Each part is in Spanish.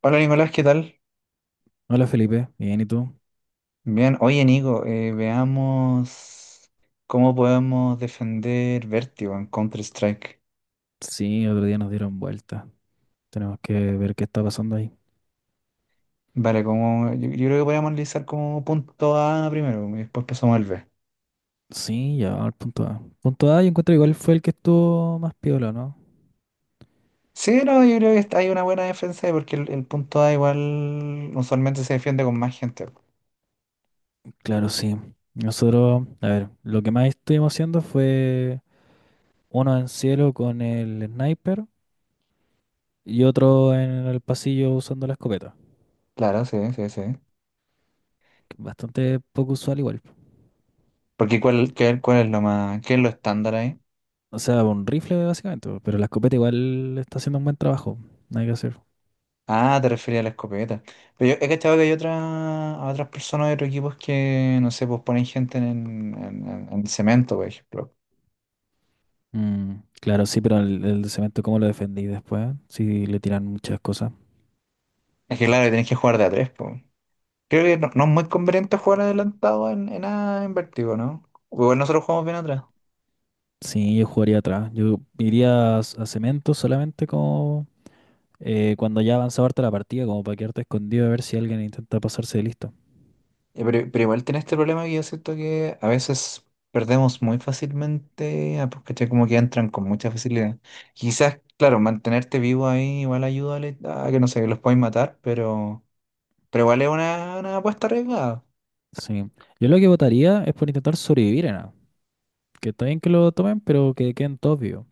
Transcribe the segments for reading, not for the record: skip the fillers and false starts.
Hola Nicolás, ¿qué tal? Hola Felipe, bien, ¿y tú? Bien, oye Nico, veamos cómo podemos defender Vertigo en Counter-Strike. Sí, otro día nos dieron vuelta. Tenemos que ver qué está pasando ahí. Vale, como, yo creo que podríamos analizar como punto A primero y después pasamos al B. Sí, ya vamos al punto A. Punto A, yo encuentro igual fue el que estuvo más piola, ¿no? Sí, no, yo creo que hay una buena defensa ahí porque el punto A igual usualmente se defiende con más gente. Claro, sí. Nosotros, a ver, lo que más estuvimos haciendo fue uno en cielo con el sniper y otro en el pasillo usando la escopeta. Claro, sí, sí, sí. Que es bastante poco usual igual. Porque ¿cuál, cuál es lo más, qué es lo estándar ahí? O sea, un rifle básicamente, pero la escopeta igual está haciendo un buen trabajo. Nada que hacer. Ah, te refería a la escopeta. Pero yo he cachado que hay otras, a otras personas de otros equipos que, no sé, pues ponen gente en, en cemento, por ejemplo. Mm, claro, sí, pero el cemento, ¿cómo lo defendí después? Si le tiran muchas cosas. Es que claro, tenés que jugar de a tres, pues. Creo que no es muy conveniente jugar adelantado en, A en vértigo, ¿no? Igual nosotros jugamos bien atrás. Sí, yo jugaría atrás. Yo iría a, a cemento solamente como cuando ya avanzaba harta la partida, como para quedarte escondido a ver si alguien intenta pasarse de listo. Pero igual tiene este problema que yo siento que a veces perdemos muy fácilmente, ah, pues, ¿cachai? Como que entran con mucha facilidad. Quizás, claro, mantenerte vivo ahí igual ayuda a a que, no sé, que los puedan matar, pero. Pero igual es una apuesta arriesgada. Sí. Yo lo que votaría es por intentar sobrevivir en A. Que está bien que lo tomen, pero que queden todos vivos.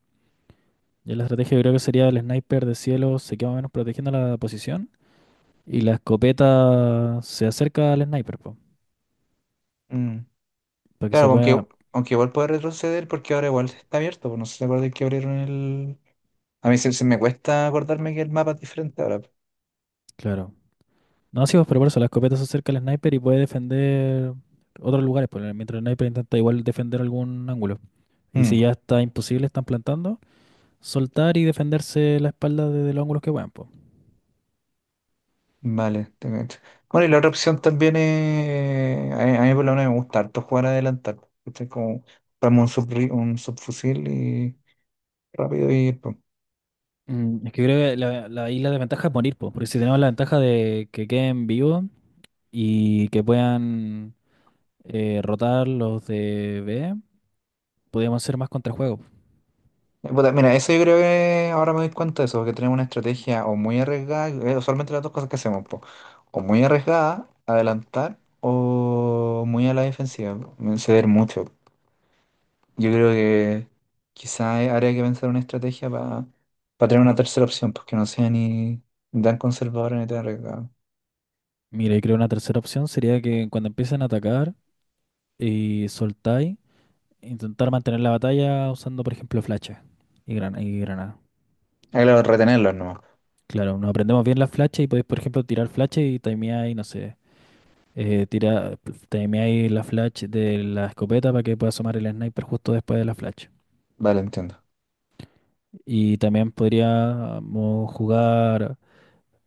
Yo la estrategia creo que sería el sniper de cielo se queda más o menos protegiendo la posición y la escopeta se acerca al sniper, po, Mm. para que se Claro, pueda... aunque, aunque igual puede retroceder porque ahora igual está abierto, pues. No sé si se acuerdan que abrieron el. A mí se, se me cuesta acordarme que el mapa es diferente ahora. Claro. No, sí, pues, pero por eso la escopeta se acerca al sniper y puede defender otros lugares, pues, mientras el sniper intenta igual defender algún ángulo. Y si Mm. ya está imposible, están plantando, soltar y defenderse la espalda desde los ángulos que puedan, pues. Vale, te cacho. Bueno, y la otra opción también es. A mí por lo menos me gusta harto jugar adelantar, ¿cachai? Como comprarme un, un subfusil y rápido y. Mm, es que creo que la isla de ventaja es morir, pues, porque si tenemos la ventaja de que queden vivos y que puedan rotar los de B, podríamos hacer más contrajuegos. Puta, mira, eso yo creo que ahora me doy cuenta de eso, que tenemos una estrategia o muy arriesgada, usualmente las dos cosas que hacemos, po, o muy arriesgada, adelantar, o muy a la defensiva, ceder mucho. Yo creo que quizás habría que pensar una estrategia para tener una tercera opción, pues que no sea ni tan conservadora ni tan arriesgada. Mira, y creo una tercera opción sería que cuando empiecen a atacar y soltáis. Intentar mantener la batalla usando, por ejemplo, flachas y granada. Ah, claro, retenerlos no. Claro, nos aprendemos bien las flachas y podéis, por ejemplo, tirar flachas y timeáis, no sé, eh, tira, timeáis la flash de la escopeta para que pueda asomar el sniper justo después de la flash. Vale, entiendo. Y también podríamos jugar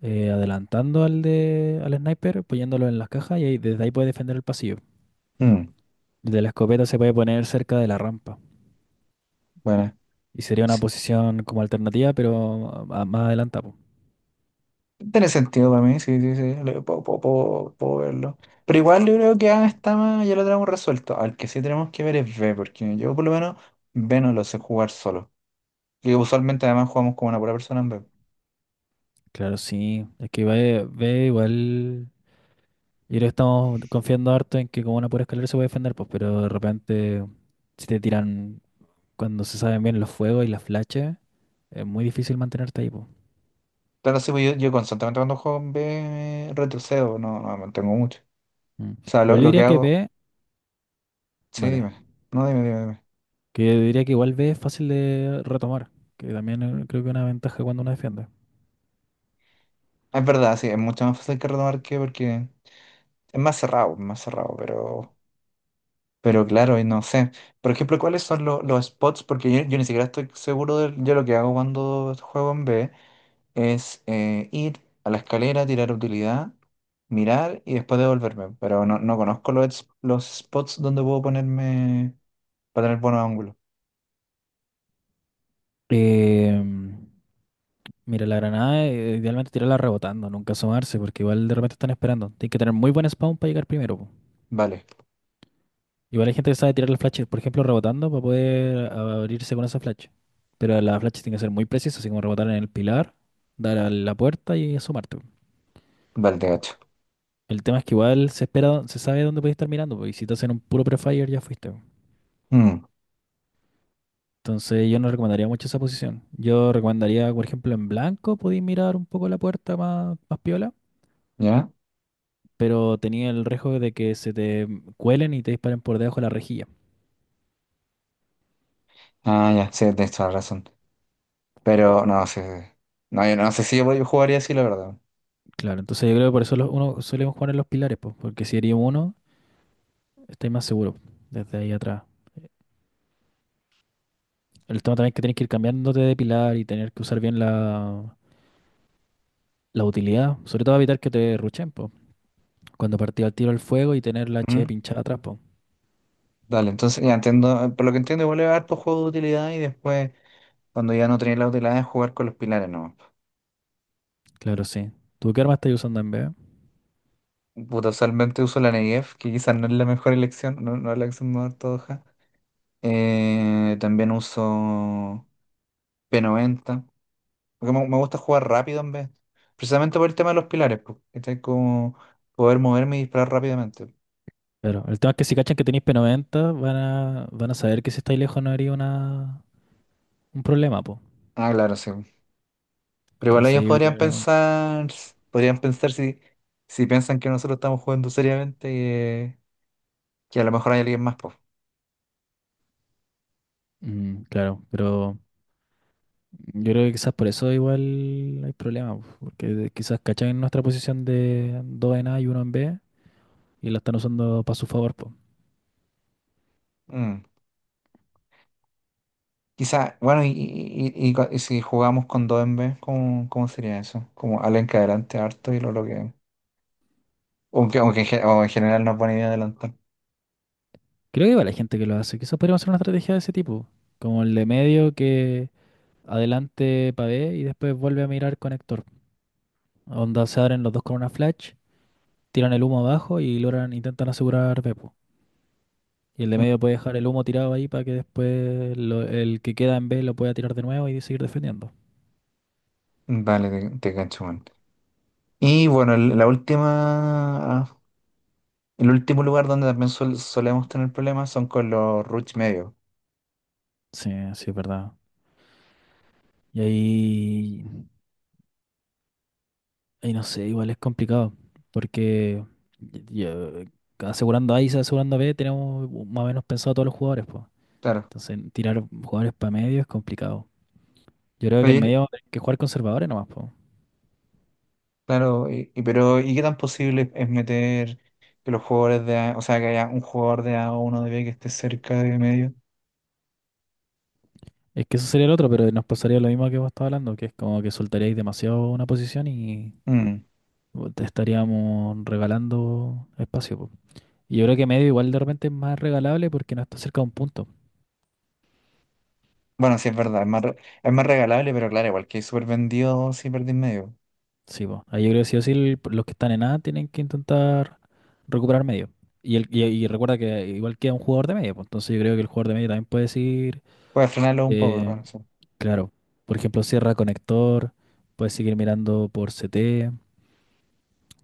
adelantando al, de, al sniper, poniéndolo en las cajas y desde ahí puede defender el pasillo. Mm, Desde la escopeta se puede poner cerca de la rampa. bueno. Y sería una posición como alternativa, pero más adelantada. Tiene sentido para mí, sí, sí, sí, puedo, puedo verlo. Pero igual yo creo que A está más, ya lo tenemos resuelto. Al que sí tenemos que ver es B, porque yo por lo menos B no lo sé jugar solo. Y usualmente además jugamos como una pura persona en B. Claro, sí. Es que ve, ve igual. Y lo estamos confiando harto en que con una pura escalera se puede defender, pues, pero de repente, si te tiran cuando se saben bien los fuegos y las flashes, es muy difícil mantenerte ahí, pues. Claro, sí, pues yo constantemente cuando juego en B retrocedo, no, no me mantengo mucho. Mm. O sea, Igual yo lo que diría que hago, B, sí, vale. dime. No, dime. Que yo diría que igual B es fácil de retomar, que también creo que es una ventaja cuando uno defiende. Es verdad, sí, es mucho más fácil que retomar que porque es más cerrado, pero. Pero claro, y no sé. Por ejemplo, ¿cuáles son los spots? Porque yo ni siquiera estoy seguro de, yo lo que hago cuando juego en B es ir a la escalera, tirar utilidad, mirar y después devolverme. Pero no, no conozco los, los spots donde puedo ponerme para tener buenos ángulos. Em, mira, la granada, idealmente tirarla rebotando, nunca asomarse, porque igual de repente están esperando. Tienes que tener muy buen spawn para llegar primero, pues. Vale, Igual hay gente que sabe tirar las flashes, por ejemplo, rebotando para poder abrirse con esa flash. Pero las flash tienen que ser muy precisas, así como rebotar en el pilar, dar a la puerta y asomarte. vale, te gacho. El tema es que igual se espera, se sabe dónde puedes estar mirando, pues, y si te hacen un puro prefire ya fuiste, pues. Mm, Entonces yo no recomendaría mucho esa posición. Yo recomendaría, por ejemplo, en blanco podéis mirar un poco la puerta más, más piola, ¿ya? pero tenía el riesgo de que se te cuelen y te disparen por debajo de la rejilla. Ah, ya, sí, tienes toda la razón. Pero no sé. No, yo no sé si yo jugaría así, la verdad. Claro, entonces yo creo que por eso uno solemos jugar en los pilares, pues, porque si herimos uno estáis más seguro desde ahí atrás. El tema también es que tienes que ir cambiándote de pilar y tener que usar bien la utilidad. Sobre todo evitar que te ruchen, po. Cuando partía el tiro al fuego y tener la H Mm. pinchada atrás, po. Dale, entonces ya entiendo. Por lo que entiendo, igual a harto juego de utilidad y después. Cuando ya no tenía la utilidad de jugar con los pilares, no. Claro, sí. ¿Tú qué arma estáis usando en vez? Puta, usualmente uso la Negev, que quizás no es la mejor elección, no, no es la elección más ortodoxa. También uso P90, porque me gusta jugar rápido en vez. Precisamente por el tema de los pilares, porque como poder moverme y disparar rápidamente. Claro. El tema es que si cachan que tenéis P90, van a saber que si estáis lejos no haría una, un problema, po. Ah, claro, sí. Pero igual Entonces ellos yo, yo- podrían pensar si, si piensan que nosotros estamos jugando seriamente, que a lo mejor hay alguien más, pues. mm, claro, pero yo creo que quizás por eso igual hay problemas po, porque quizás cachan en nuestra posición de 2 en A y uno en B y lo están usando para su favor, po. Quizá, bueno, y si jugamos con dos en vez, ¿cómo, cómo sería eso? Como alguien que adelante harto y lo bloquea. Aunque, aunque en, o en general no es buena idea adelantar. Creo que igual hay gente que lo hace. Quizás podríamos hacer una estrategia de ese tipo, como el de medio que adelante pavé y después vuelve a mirar conector. Onda se abren los dos con una flash, tiran el humo abajo y logran, intentan asegurar B, po. Y el de medio puede dejar el humo tirado ahí para que después el que queda en B lo pueda tirar de nuevo y seguir defendiendo. Vale, te cacho, man. Y bueno, la última, el último lugar donde también solemos tener problemas son con los rush medios. Sí, sí, es verdad. Y ahí y no sé, igual es complicado, porque y- y, eh, asegurando A y asegurando B tenemos más o menos pensado todos los jugadores, pues. Claro. Entonces tirar jugadores para medio es complicado. Yo creo que Pero, en medio hay que jugar conservadores nomás, po. claro, pero ¿y qué tan posible es meter que los jugadores de A, o sea, que haya un jugador de A o uno de B que esté cerca de medio? Es que eso sería el otro, pero nos pasaría lo mismo que vos estabas hablando, que es como que soltaríais demasiado una posición y Mm. Te estaríamos regalando espacio, po. Y yo creo que medio igual de repente es más regalable porque no está cerca de un punto. Bueno, sí es verdad, es más, es más regalable, pero claro, igual que súper vendido si perdí medio. Sí, po. Ahí yo creo que sí o sí los que están en A tienen que intentar recuperar medio. Y recuerda que igual queda un jugador de medio, pues, entonces yo creo que el jugador de medio también puede decir, Puedes frenarlo un poco eh, con eso. claro, por ejemplo, cierra conector, puede seguir mirando por CT.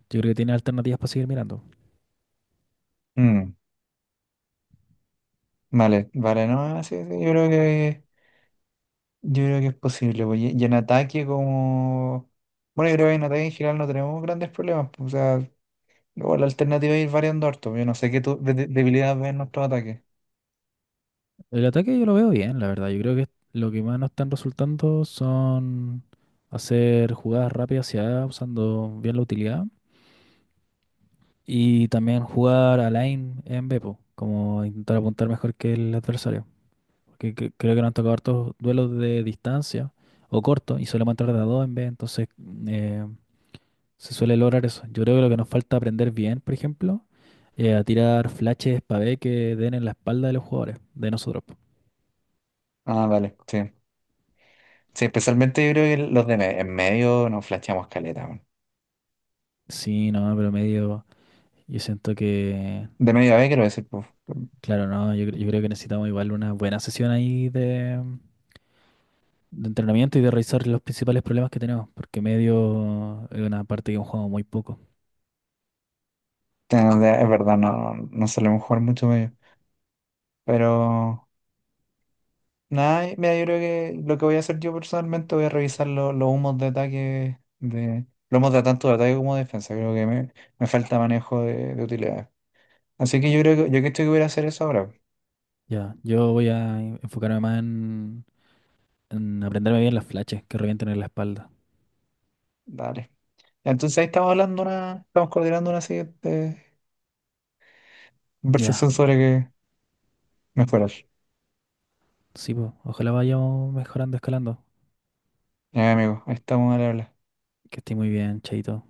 Yo creo que tiene alternativas para seguir mirando. Mm, vale, vale, no, sí, sí, yo creo que es posible, pues. Y en ataque como. Bueno, yo creo que en ataque en general no tenemos grandes problemas, pues. O sea, luego la alternativa es ir variando harto, pues. Yo no sé qué tu, debilidad ves en nuestro ataque. El ataque yo lo veo bien, la verdad. Yo creo que lo que más nos están resultando son hacer jugadas rápidas hacia A usando bien la utilidad. Y también jugar a lane en B, po, como intentar apuntar mejor que el adversario. Porque creo que nos han tocado hartos duelos de distancia o corto y solemos entrar de a dos en B, entonces eh, se suele lograr eso. Yo creo que lo que nos falta aprender bien, por ejemplo, a tirar flashes para B que den en la espalda de los jugadores, de nosotros, po. Ah, vale, sí. Sí, especialmente yo creo que los de en medio nos flasheamos caleta, weón. Sí, no, pero medio. Yo siento que. De medio a B quiero decir, pues, Claro, no, yo, yo creo que necesitamos igual una buena sesión ahí de entrenamiento y de revisar los principales problemas que tenemos, porque medio es una parte que hemos jugado muy poco. Es verdad, no, no solemos jugar mucho medio. Pero nada, mira, yo creo que lo que voy a hacer yo personalmente voy a revisar los humos de ataque, de, los humos de tanto de ataque como de defensa. Creo que me falta manejo de utilidad. Así que yo creo que yo creo que estoy que voy a hacer eso ahora. Ya, yo voy a enfocarme más en aprenderme bien las flashes que revienten en la espalda. Dale. Ya, entonces ahí estamos hablando una, estamos coordinando una siguiente Ya, conversación sobre que mejorar. sí, pues, ojalá vayamos mejorando, escalando. Ya, amigo, ahí estamos a hablar. Que esté muy bien, chaito.